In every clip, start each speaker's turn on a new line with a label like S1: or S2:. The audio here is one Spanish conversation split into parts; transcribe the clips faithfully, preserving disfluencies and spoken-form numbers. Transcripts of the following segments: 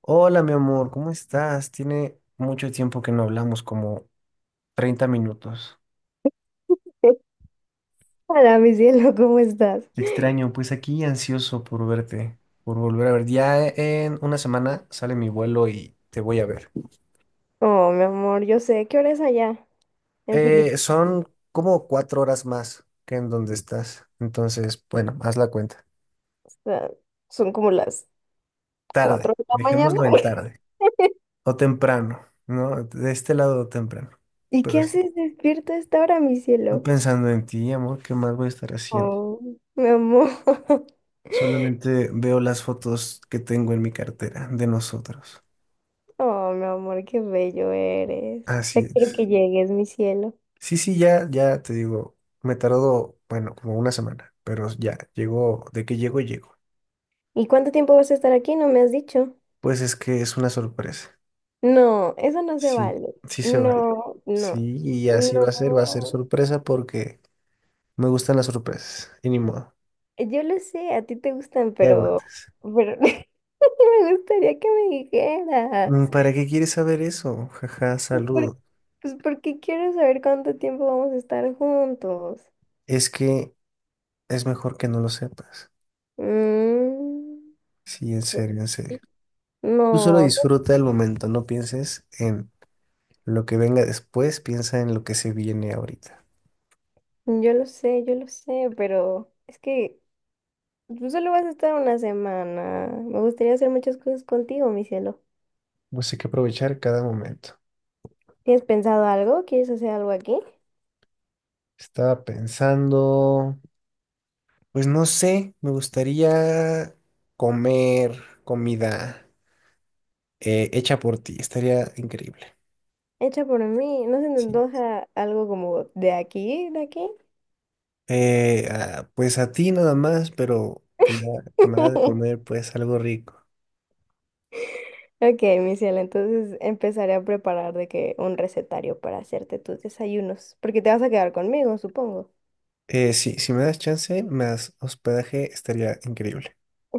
S1: Hola, mi amor, ¿cómo estás? Tiene mucho tiempo que no hablamos, como treinta minutos.
S2: Hola, mi cielo, ¿cómo estás?
S1: Te extraño, pues aquí ansioso por verte, por volver a ver. Ya en una semana sale mi vuelo y te voy a ver.
S2: Oh, mi amor, yo sé qué hora es allá en
S1: Eh,
S2: Filipinas.
S1: son como cuatro horas más que en donde estás. Entonces, bueno, haz la cuenta.
S2: Ah, son como las cuatro
S1: Tarde,
S2: de la mañana.
S1: dejémoslo en tarde. O temprano, ¿no? De este lado temprano.
S2: ¿Y qué
S1: Pero sí,
S2: haces despierto a esta hora, mi
S1: no
S2: cielo?
S1: pensando en ti, amor, ¿qué más voy a estar haciendo?
S2: Oh, mi amor.
S1: Solamente veo las fotos que tengo en mi cartera de nosotros.
S2: Oh, mi amor, qué bello eres. Ya
S1: Así
S2: quiero que
S1: es.
S2: llegues, mi cielo.
S1: Sí, sí, ya, ya te digo, me tardó, bueno, como una semana, pero ya llegó, de que llego, llego.
S2: ¿Y cuánto tiempo vas a estar aquí? No me has dicho.
S1: Pues es que es una sorpresa.
S2: No, eso no se
S1: Sí,
S2: vale.
S1: sí se vale.
S2: No,
S1: Sí,
S2: no,
S1: y así va a ser, va a ser
S2: no.
S1: sorpresa porque me gustan las sorpresas. Y ni modo,
S2: Yo lo sé, a ti te gustan,
S1: te
S2: pero,
S1: aguantes.
S2: pero me gustaría que me dijeras.
S1: Mm, ¿Para qué quieres saber eso? Jaja,
S2: Pues, por-
S1: saludo.
S2: pues porque quiero saber cuánto tiempo vamos a estar juntos.
S1: Es que es mejor que no lo sepas.
S2: Mm,
S1: Sí, en serio, en serio. Tú solo
S2: no,
S1: disfruta el momento, no pienses en lo que venga después, piensa en lo que se viene ahorita.
S2: yo lo sé, yo lo sé, pero es que tú solo vas a estar una semana. Me gustaría hacer muchas cosas contigo, mi cielo.
S1: Pues hay que aprovechar cada momento.
S2: ¿Tienes pensado algo? ¿Quieres hacer algo aquí?
S1: Estaba pensando, pues no sé, me gustaría comer comida eh, hecha por ti, estaría increíble.
S2: Hecha por mí. ¿No se te
S1: Sí.
S2: antoja algo como de aquí, de aquí?
S1: Eh, ah, pues a ti nada más, pero que me, que me hagas de comer pues algo rico.
S2: Ok, mi cielo, entonces empezaré a preparar de que un recetario para hacerte tus desayunos, porque te vas a quedar conmigo, supongo.
S1: Eh, sí, si me das chance, me das hospedaje, estaría increíble.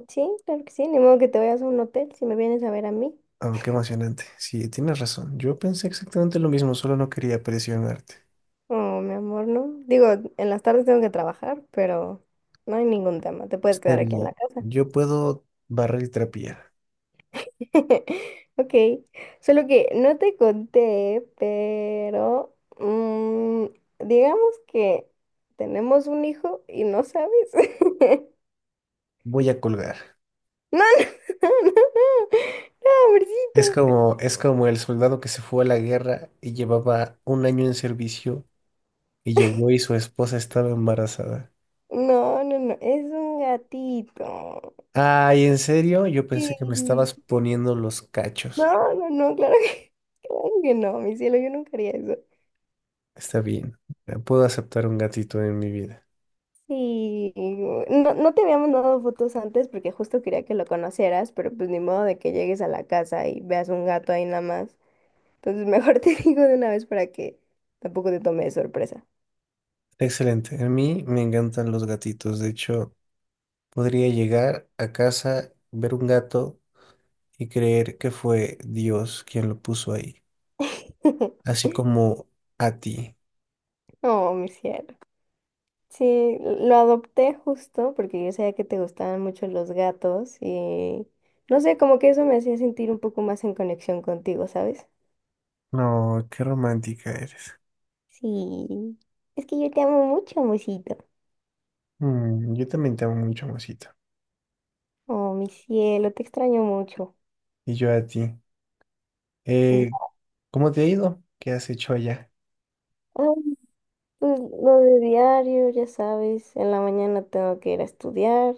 S2: Sí, claro que sí, ni modo que te vayas a un hotel si me vienes a ver a mí.
S1: Oh, qué emocionante. Sí, tienes razón. Yo pensé exactamente lo mismo, solo no quería presionarte.
S2: Oh, mi amor, no. Digo, en las tardes tengo que trabajar, pero no hay ningún tema, te puedes
S1: Está
S2: quedar aquí en
S1: bien.
S2: la casa.
S1: Yo puedo barrer y trapear.
S2: Ok, solo que no te conté, pero mm, digamos que tenemos un hijo y no sabes.
S1: Voy a colgar.
S2: No, no, no, no,
S1: Es
S2: pobrecito.
S1: como, es como el soldado que se fue a la guerra y llevaba un año en servicio y llegó y su esposa estaba embarazada.
S2: No, no, no, es un gatito.
S1: Ay, ¿en serio? Yo pensé que me
S2: Sí.
S1: estabas poniendo los cachos.
S2: No, no, no, claro que, claro que no, mi cielo, yo nunca haría eso.
S1: Está bien. Puedo aceptar un gatito en mi vida.
S2: Sí, no, no te había mandado fotos antes porque justo quería que lo conocieras, pero pues ni modo de que llegues a la casa y veas un gato ahí nada más. Entonces mejor te digo de una vez para que tampoco te tome de sorpresa.
S1: Excelente. A mí me encantan los gatitos. De hecho, podría llegar a casa, ver un gato y creer que fue Dios quien lo puso ahí, así como a ti.
S2: Oh, mi cielo. Sí, lo adopté justo porque yo sabía que te gustaban mucho los gatos y no sé, como que eso me hacía sentir un poco más en conexión contigo, ¿sabes?
S1: No, qué romántica eres.
S2: Sí, es que yo te amo mucho, amorcito.
S1: Mm, yo también te amo mucho, mosita.
S2: Oh, mi cielo, te extraño mucho.
S1: Y yo a ti. Eh,
S2: Ya,
S1: ¿cómo te ha ido? ¿Qué has hecho allá?
S2: pues lo de diario, ya sabes, en la mañana tengo que ir a estudiar,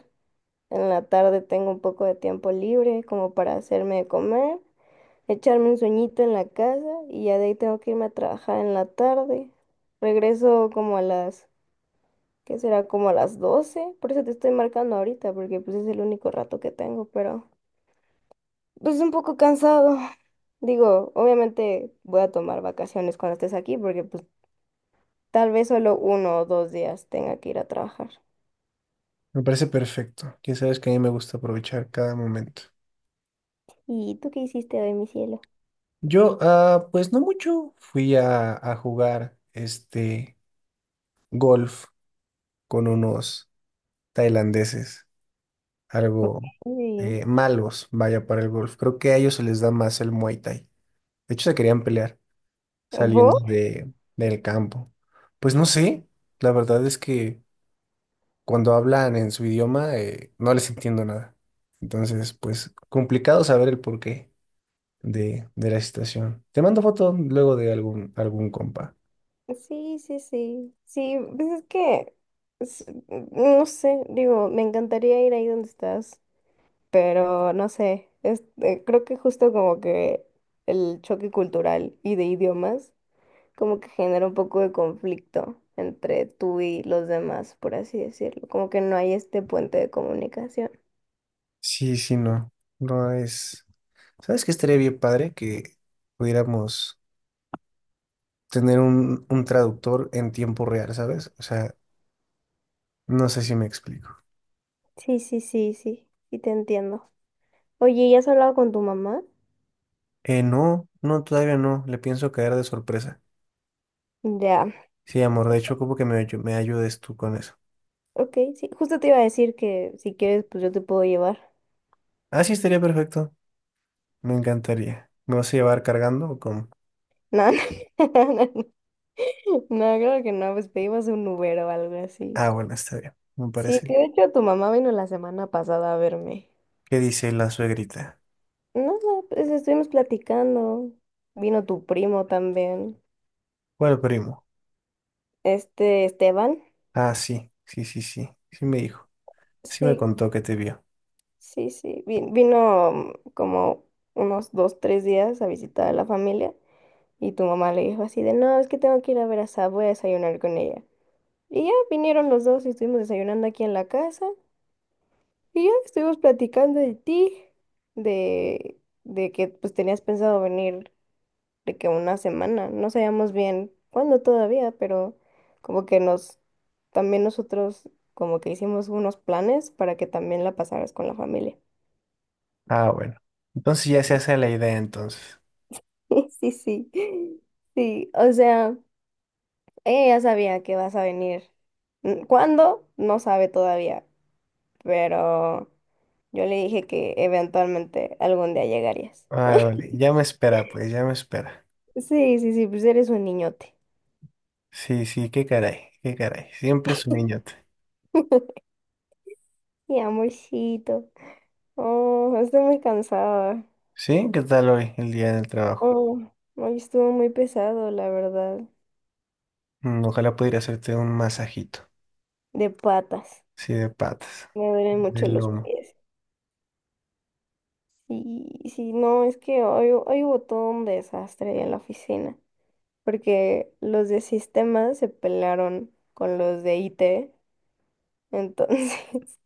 S2: en la tarde tengo un poco de tiempo libre como para hacerme de comer. Echarme un sueñito en la casa y ya de ahí tengo que irme a trabajar en la tarde. Regreso como a las, ¿qué será? Como a las doce. Por eso te estoy marcando ahorita, porque pues es el único rato que tengo, pero pues un poco cansado. Digo, obviamente voy a tomar vacaciones cuando estés aquí, porque pues tal vez solo uno o dos días tenga que ir a trabajar.
S1: Me parece perfecto. Ya sabes que a mí me gusta aprovechar cada momento.
S2: ¿Y tú qué hiciste hoy, mi cielo?
S1: Yo, ah, pues no mucho. Fui a, a jugar este golf con unos tailandeses,
S2: Ok.
S1: algo eh, malos, vaya, para el golf. Creo que a ellos se les da más el Muay Thai. De hecho, se querían pelear saliendo
S2: ¿Vos?
S1: de, del campo. Pues no sé, la verdad es que cuando hablan en su idioma eh, no les entiendo nada. Entonces, pues complicado saber el porqué de, de la situación. Te mando foto luego de algún, algún compa.
S2: Sí, sí, sí. Sí, pues es que, es- no sé, digo, me encantaría ir ahí donde estás, pero no sé, este, creo que justo como que el choque cultural y de idiomas como que genera un poco de conflicto entre tú y los demás, por así decirlo, como que no hay este puente de comunicación.
S1: Sí, sí, no. No es. ¿Sabes qué estaría bien padre que pudiéramos tener un, un traductor en tiempo real, sabes? O sea, no sé si me explico.
S2: Sí, sí, sí, sí, sí te entiendo. Oye, ¿ya has hablado con tu mamá?
S1: Eh, no, no, todavía no, le pienso caer de sorpresa.
S2: Ya,
S1: Sí, amor, de hecho, como que me, ayu- me ayudes tú con eso.
S2: ok, sí, justo te iba a decir que si quieres, pues yo te puedo llevar.
S1: Ah, sí, estaría perfecto, me encantaría. ¿Me vas a llevar cargando o cómo?
S2: No, no, creo que no, pues pedimos un Uber o algo así.
S1: Ah, bueno, está bien, me
S2: Sí,
S1: parece.
S2: que de hecho tu mamá vino la semana pasada a verme.
S1: ¿Qué dice la suegrita?
S2: Nada, pues estuvimos platicando. Vino tu primo también.
S1: ¿Cuál primo?
S2: Este, Esteban.
S1: Ah, sí, sí, sí, sí, sí me dijo, sí me
S2: Sí,
S1: contó que te vio.
S2: sí, sí. vi- Vino mm, como unos dos, tres días a visitar a la familia. Y tu mamá le dijo así de, no, es que tengo que ir a ver a Sab, voy a desayunar con ella. Y ya vinieron los dos y estuvimos desayunando aquí en la casa. Y ya estuvimos platicando de ti, de, de que pues tenías pensado venir de que una semana, no sabíamos bien cuándo todavía, pero como que nos, también nosotros como que hicimos unos planes para que también la pasaras con la familia.
S1: Ah, bueno, entonces ya se hace la idea entonces.
S2: Sí, sí, sí, o sea, ella ya sabía que vas a venir. Mm, ¿Cuándo? No sabe todavía, pero yo le dije que eventualmente algún día llegarías.
S1: Vale, vale, ya me espera, pues, ya me espera.
S2: Sí, sí, sí, pues eres un niñote.
S1: Sí, sí, qué caray, qué caray. Siempre es un niñote.
S2: Y amorcito. Oh, estoy muy cansada.
S1: ¿Sí? ¿Qué tal hoy, el día del trabajo?
S2: Oh, hoy estuvo muy pesado, la verdad.
S1: Mm, ojalá pudiera hacerte un masajito.
S2: De patas.
S1: Sí, de patas,
S2: Me duelen mucho
S1: del
S2: los
S1: lomo.
S2: pies. Sí, sí, no, es que hoy, hoy hubo todo un desastre en la oficina. Porque los de sistemas se pelearon con los de I T. Entonces,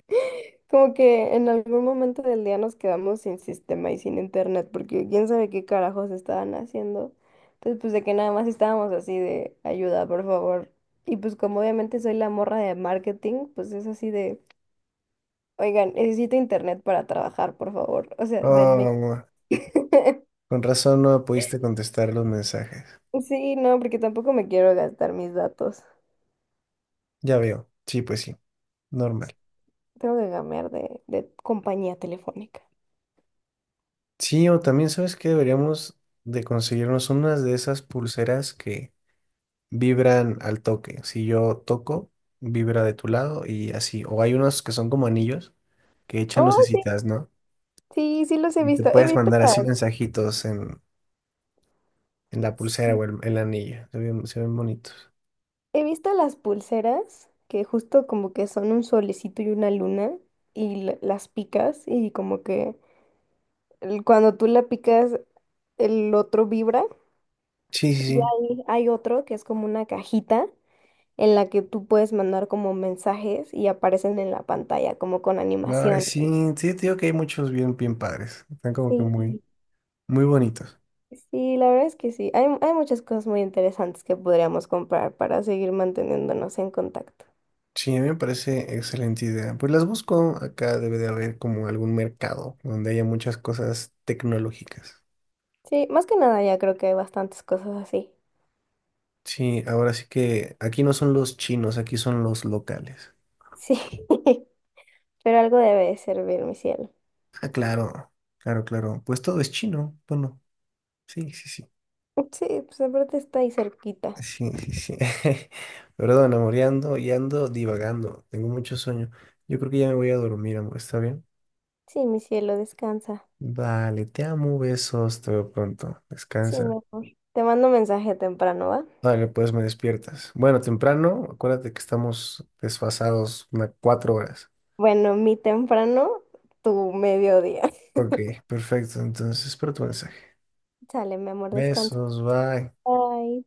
S2: como que en algún momento del día nos quedamos sin sistema y sin internet, porque quién sabe qué carajos estaban haciendo. Entonces, pues de que nada más estábamos así de ayuda, por favor. Y pues como obviamente soy la morra de marketing, pues es así de, oigan, necesito internet para trabajar, por favor. O sea,
S1: Oh,
S2: denme.
S1: amor, con razón no me pudiste contestar los mensajes.
S2: Sí, no, porque tampoco me quiero gastar mis datos.
S1: Ya veo. Sí, pues sí, normal.
S2: Tengo que cambiar de, de compañía telefónica.
S1: Sí, o también sabes que deberíamos de conseguirnos unas de esas pulseras que vibran al toque. Si yo toco, vibra de tu lado y así. O hay unos que son como anillos que echan
S2: Oh, sí,
S1: lucecitas, ¿no?
S2: sí, sí los he
S1: Y te
S2: visto. He
S1: puedes
S2: visto
S1: mandar así
S2: las,
S1: mensajitos en, en la pulsera
S2: sí,
S1: o el- en, la anilla. Se ven, se ven bonitos.
S2: He visto las pulseras que justo como que son un solecito y una luna y la- las picas y como que el- cuando tú la picas el otro vibra
S1: Sí, sí,
S2: y
S1: sí.
S2: hay, hay otro que es como una cajita en la que tú puedes mandar como mensajes y aparecen en la pantalla como con
S1: Ay,
S2: animaciones.
S1: sí, sí, te digo que hay muchos bien, bien padres. Están como que muy,
S2: Sí,
S1: muy bonitos.
S2: sí, la verdad es que sí. Hay, hay muchas cosas muy interesantes que podríamos comprar para seguir manteniéndonos en contacto.
S1: Sí, a mí me parece excelente idea. Pues las busco. Acá debe de haber como algún mercado donde haya muchas cosas tecnológicas.
S2: Sí, más que nada ya creo que hay bastantes cosas así.
S1: Sí, ahora sí que aquí no son los chinos, aquí son los locales.
S2: Sí. Pero algo debe de servir, mi cielo.
S1: Ah, claro, claro, claro. Pues todo es chino. Bueno, sí, sí, sí.
S2: Sí, pues aparte está ahí cerquita.
S1: Sí, sí, sí. Perdón, amor, ya ando, ya ando divagando. Tengo mucho sueño. Yo creo que ya me voy a dormir, amor. ¿Está bien?
S2: Sí, mi cielo, descansa.
S1: Vale, te amo, besos. Te veo pronto.
S2: Sí, mi
S1: Descansa.
S2: amor. Te mando un mensaje temprano, ¿va?
S1: Vale, pues me despiertas. Bueno, temprano, acuérdate que estamos desfasados unas cuatro horas.
S2: Bueno, mi temprano, tu mediodía.
S1: Ok, perfecto. Entonces espero tu mensaje.
S2: Sale, mi amor, descansa.
S1: Besos, bye.
S2: Bye.